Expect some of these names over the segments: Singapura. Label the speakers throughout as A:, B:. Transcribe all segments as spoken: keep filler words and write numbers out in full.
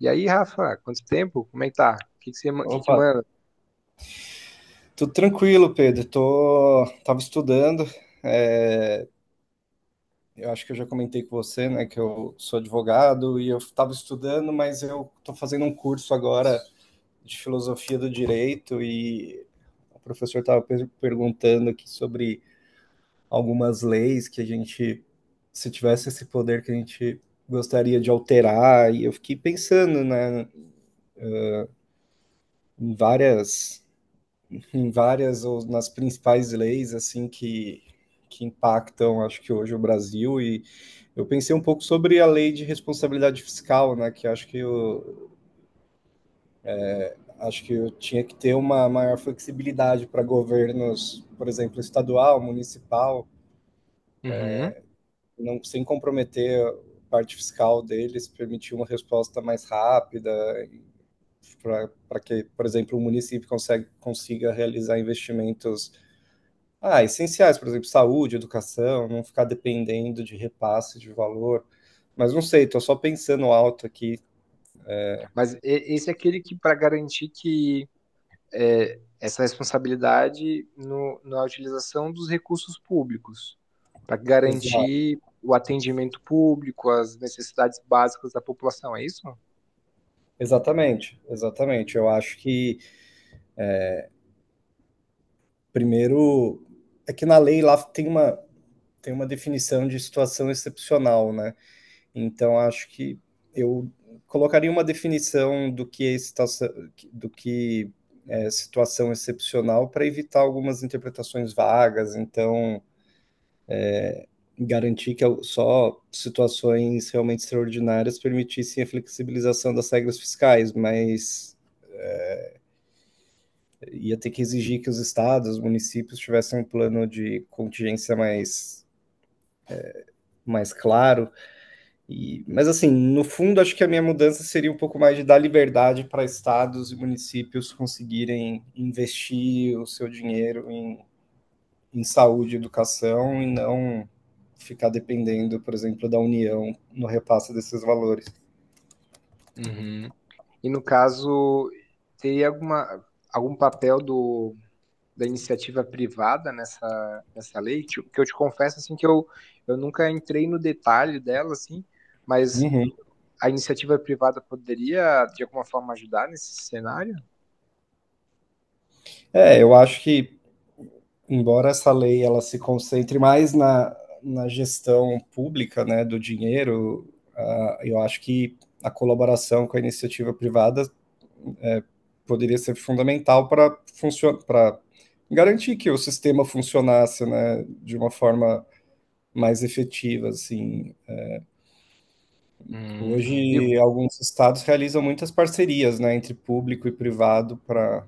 A: E aí, Rafa, quanto tempo? Como é que tá? O que que você, ma- que que
B: Opa,
A: manda?
B: tudo tranquilo, Pedro. Tô, tava estudando. é, eu acho que eu já comentei com você, né, que eu sou advogado e eu estava estudando, mas eu tô fazendo um curso agora de filosofia do direito e o professor estava perguntando aqui sobre algumas leis que a gente, se tivesse esse poder que a gente gostaria de alterar, e eu fiquei pensando, né, em várias em várias ou nas principais leis assim que, que impactam, acho que hoje o Brasil e eu pensei um pouco sobre a lei de responsabilidade fiscal, né, que acho que eu, acho que eu tinha que ter uma maior flexibilidade para governos, por exemplo, estadual, municipal,
A: Uhum.
B: não sem comprometer a parte fiscal deles, permitir uma resposta mais rápida para que, por exemplo, o município consegue, consiga realizar investimentos Ah, essenciais, por exemplo, saúde, educação, não ficar dependendo de repasse de valor. Mas não sei, estou só pensando alto aqui.
A: Mas e- esse é aquele que, para garantir que é, essa responsabilidade no, na utilização dos recursos públicos, para
B: Exa
A: garantir o atendimento público, as necessidades básicas da população, é isso?
B: exatamente, exatamente. Eu acho que primeiro é que na lei lá tem uma, tem uma, definição de situação excepcional, né? Então acho que eu colocaria uma definição do que é situação, do que é situação excepcional para evitar algumas interpretações vagas. Então garantir que só situações realmente extraordinárias permitissem a flexibilização das regras fiscais, mas ia ter que exigir que os estados, os municípios tivessem um plano de contingência mais mais claro. E, mas assim, no fundo, acho que a minha mudança seria um pouco mais de dar liberdade para estados e municípios conseguirem investir o seu dinheiro em, em, saúde e educação e não ficar dependendo, por exemplo, da União no repasse desses valores.
A: Uhum. E no caso, teria alguma, algum papel do da iniciativa privada nessa, nessa lei, tipo, que eu te confesso assim que eu, eu nunca entrei no detalhe dela, assim, mas
B: Uhum.
A: a iniciativa privada poderia de alguma forma ajudar nesse cenário?
B: É, eu acho que, embora essa lei ela se concentre mais na, na, gestão pública, né, do dinheiro, ah, eu acho que a colaboração com a iniciativa privada eh, poderia ser fundamental para para garantir que o sistema funcionasse, né, de uma forma mais efetiva, assim.
A: Hum, eu,
B: Hoje, alguns estados realizam muitas parcerias, né, entre público e privado para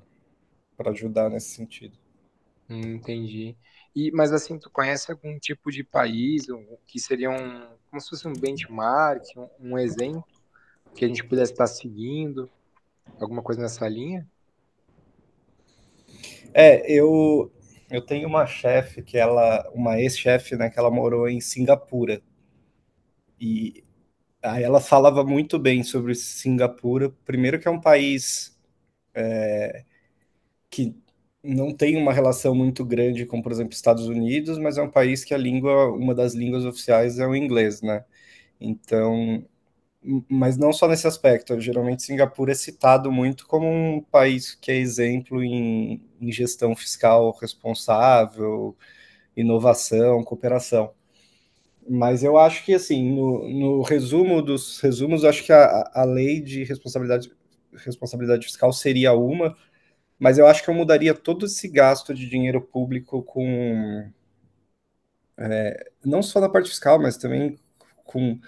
B: para ajudar nesse sentido.
A: hum, entendi. E, mas assim, tu conhece algum tipo de país um- um, que seria um, como se fosse um benchmark, um, um exemplo que a gente pudesse estar seguindo, alguma coisa nessa linha?
B: É, eu eu tenho uma chefe que ela, uma ex-chefe, né, que ela morou em Singapura e aí ela falava muito bem sobre Singapura. Primeiro que é um país que não tem uma relação muito grande com, por exemplo, Estados Unidos, mas é um país que a língua, uma das línguas oficiais é o inglês, né? Então, m- mas não só nesse aspecto. Geralmente Singapura é citado muito como um país que é exemplo em, em, gestão fiscal responsável, inovação, cooperação. Mas eu acho que, assim, no, no, resumo dos resumos, eu acho que a, a, lei de responsabilidade, responsabilidade fiscal seria uma, mas eu acho que eu mudaria todo esse gasto de dinheiro público com, não só na parte fiscal, mas também com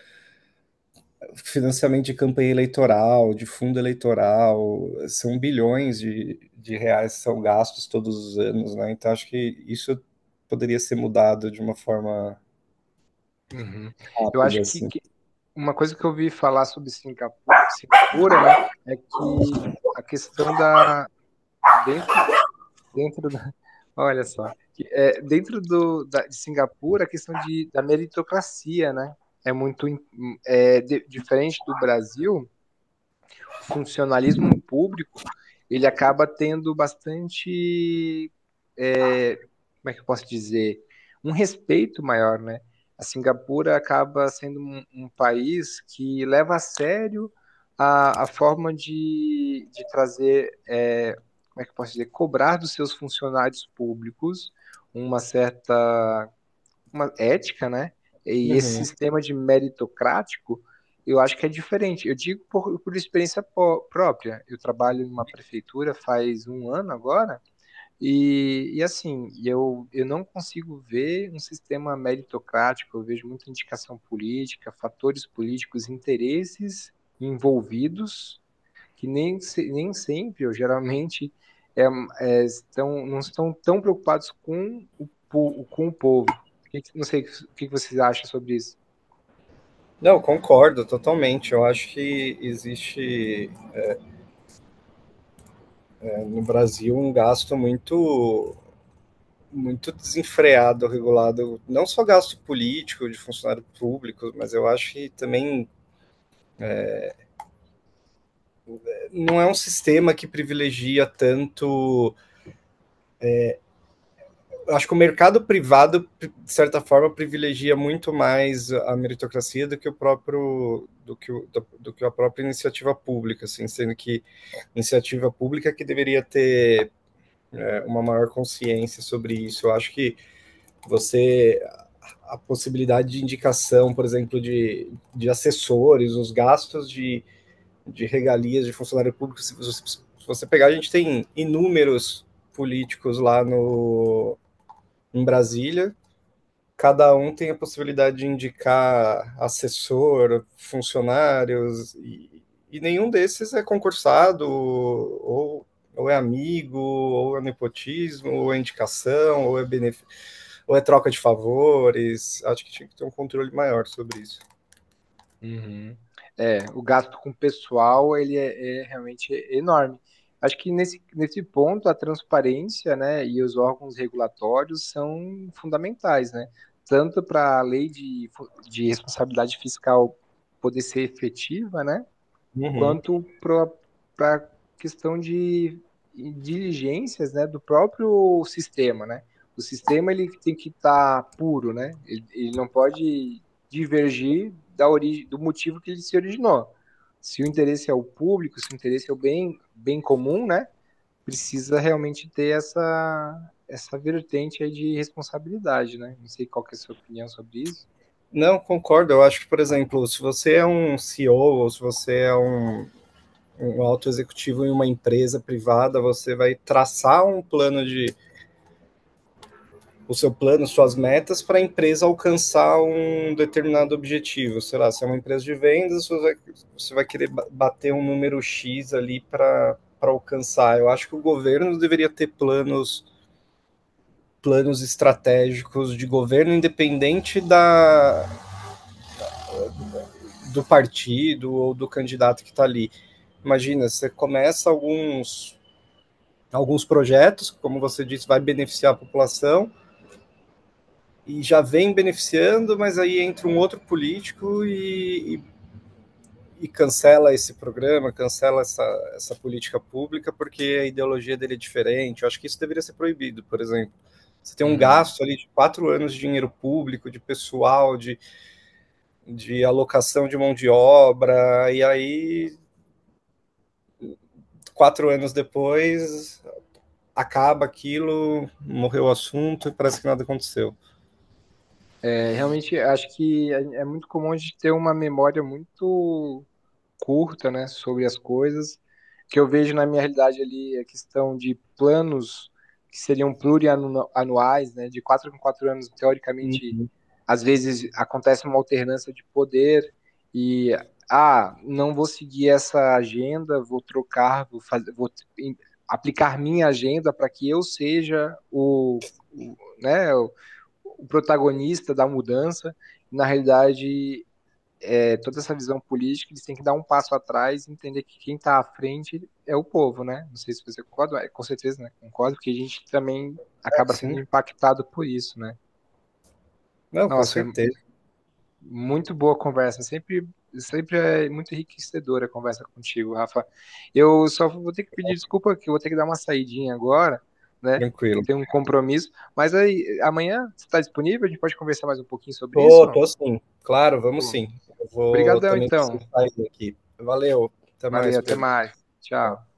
B: financiamento de campanha eleitoral, de fundo eleitoral, são bilhões de, de reais que são gastos todos os anos, né? Então acho que isso poderia ser mudado de uma forma
A: Uhum. Eu
B: rápida,
A: acho que,
B: assim.
A: que Uma coisa que eu ouvi falar sobre Singapu- Singapura, né, é que a questão da dentro dentro da, olha só, que, é, dentro do da, de Singapura a questão de da meritocracia, né, é muito im- é, di- diferente do Brasil. O funcionalismo público ele acaba tendo bastante, como é que eu posso dizer, um respeito maior, né? A Singapura acaba sendo um, um país que leva a sério a, a forma de, de trazer, é, como é que eu posso dizer, cobrar dos seus funcionários públicos uma certa uma ética, né? E esse
B: Uhum.
A: sistema de meritocrático, eu acho que é diferente. Eu digo por, por experiência pró- própria. Eu trabalho numa prefeitura faz um ano agora, e, e assim, eu, eu não consigo ver um sistema meritocrático, eu vejo muita indicação política, fatores políticos, interesses envolvidos, que nem, se- nem sempre, ou geralmente, é, é, estão, não estão tão preocupados com o, po- com o povo. O que que- Não sei o que que vocês acham sobre isso.
B: Não, concordo totalmente. Eu acho que existe eh, no Brasil um gasto muito muito desenfreado, regulado, não só gasto político de funcionário público, mas eu acho que também eh, não é um sistema que privilegia tanto. eu Acho que o mercado privado, pri- de certa forma, privilegia muito mais a meritocracia do que o próprio. Do que, o- do, do que a própria iniciativa pública, assim, sendo que iniciativa pública que deveria ter uma maior consciência sobre isso. Eu acho que você a possibilidade de indicação, por exemplo, de, de assessores, os gastos de, de regalias de funcionário público, se você, se você pegar, a gente tem inúmeros políticos lá no, em Brasília cada um tem a possibilidade de indicar assessor, funcionários, e, e, nenhum desses é concursado, ou, ou é amigo, ou é nepotismo, ou é indicação, ou é benefício, ou é troca de favores. Acho que tinha que ter um controle maior sobre isso.
A: Uhum. É, o gasto com pessoal, ele é, é realmente enorme. Acho que nesse, nesse ponto, a transparência, né, e os órgãos regulatórios são fundamentais, né? Tanto para a lei de, fu- de responsabilidade fiscal poder ser efetiva, né?
B: Uhum.
A: Quanto para a questão de diligências, né, do próprio sistema, né? O sistema ele tem que estar tá puro, né? Ele, ele, não pode divergir da origem, do motivo que ele se originou. Se o interesse é o público, se o interesse é o bem, bem comum, né? Precisa realmente ter essa, essa vertente aí de responsabilidade, né? Não sei qual que é a sua opinião sobre isso.
B: Não, concordo. Eu acho que, por exemplo, se você é um C E O ou se você é um, um alto executivo em uma empresa privada, você vai traçar um plano de o seu plano, suas metas para a empresa alcançar um determinado objetivo. Sei lá, se é uma empresa de vendas, você vai, querer bater um número X ali para alcançar. Eu acho que o governo deveria ter planos planos estratégicos de governo independente da, do partido ou do candidato que está ali. Imagina, você começa alguns alguns projetos, como você disse, vai beneficiar a população, e já vem beneficiando, mas aí entra um outro político e, e, e, cancela esse programa, cancela essa, essa política pública porque a ideologia dele é diferente. Eu acho que isso deveria ser proibido, por exemplo. Você tem um
A: Uhum.
B: gasto ali de quatro anos de dinheiro público, de pessoal, de, de alocação de mão de obra, e aí quatro anos depois acaba aquilo, morreu o assunto e parece que nada aconteceu.
A: É, realmente, acho que é é muito comum a gente ter uma memória muito curta, né, sobre as coisas. O que eu vejo na minha realidade ali é a questão de planos que seriam plurianuais, né, de quatro em quatro anos, teoricamente, às vezes acontece uma alternância de poder e, ah, não vou seguir essa agenda, vou trocar, vou fazer, vou em- aplicar minha agenda para que eu seja o, o, né, o protagonista da mudança. Na realidade, é, toda essa visão política, eles têm que dar um passo atrás e entender que quem está à frente é o povo, né? Não sei se você concorda, mas com certeza né? Concordo, porque a gente também
B: É
A: acaba sendo
B: assim?
A: impactado por isso, né?
B: Não, com
A: Nossa, é
B: certeza,
A: muito boa a conversa, sempre sempre é muito enriquecedora a conversa contigo, Rafa. Eu só vou ter que pedir desculpa que eu vou ter que dar uma saidinha agora, né?
B: tranquilo.
A: Tem um compromisso, mas aí amanhã você está disponível? A gente pode conversar mais um pouquinho sobre isso?
B: Tô, tô sim. Claro, vamos
A: Pô,
B: sim. Eu vou
A: obrigadão,
B: também precisar
A: então.
B: sair aqui. Valeu. Até
A: Valeu,
B: mais,
A: até
B: Pedro.
A: mais.
B: Tchau.
A: Tchau.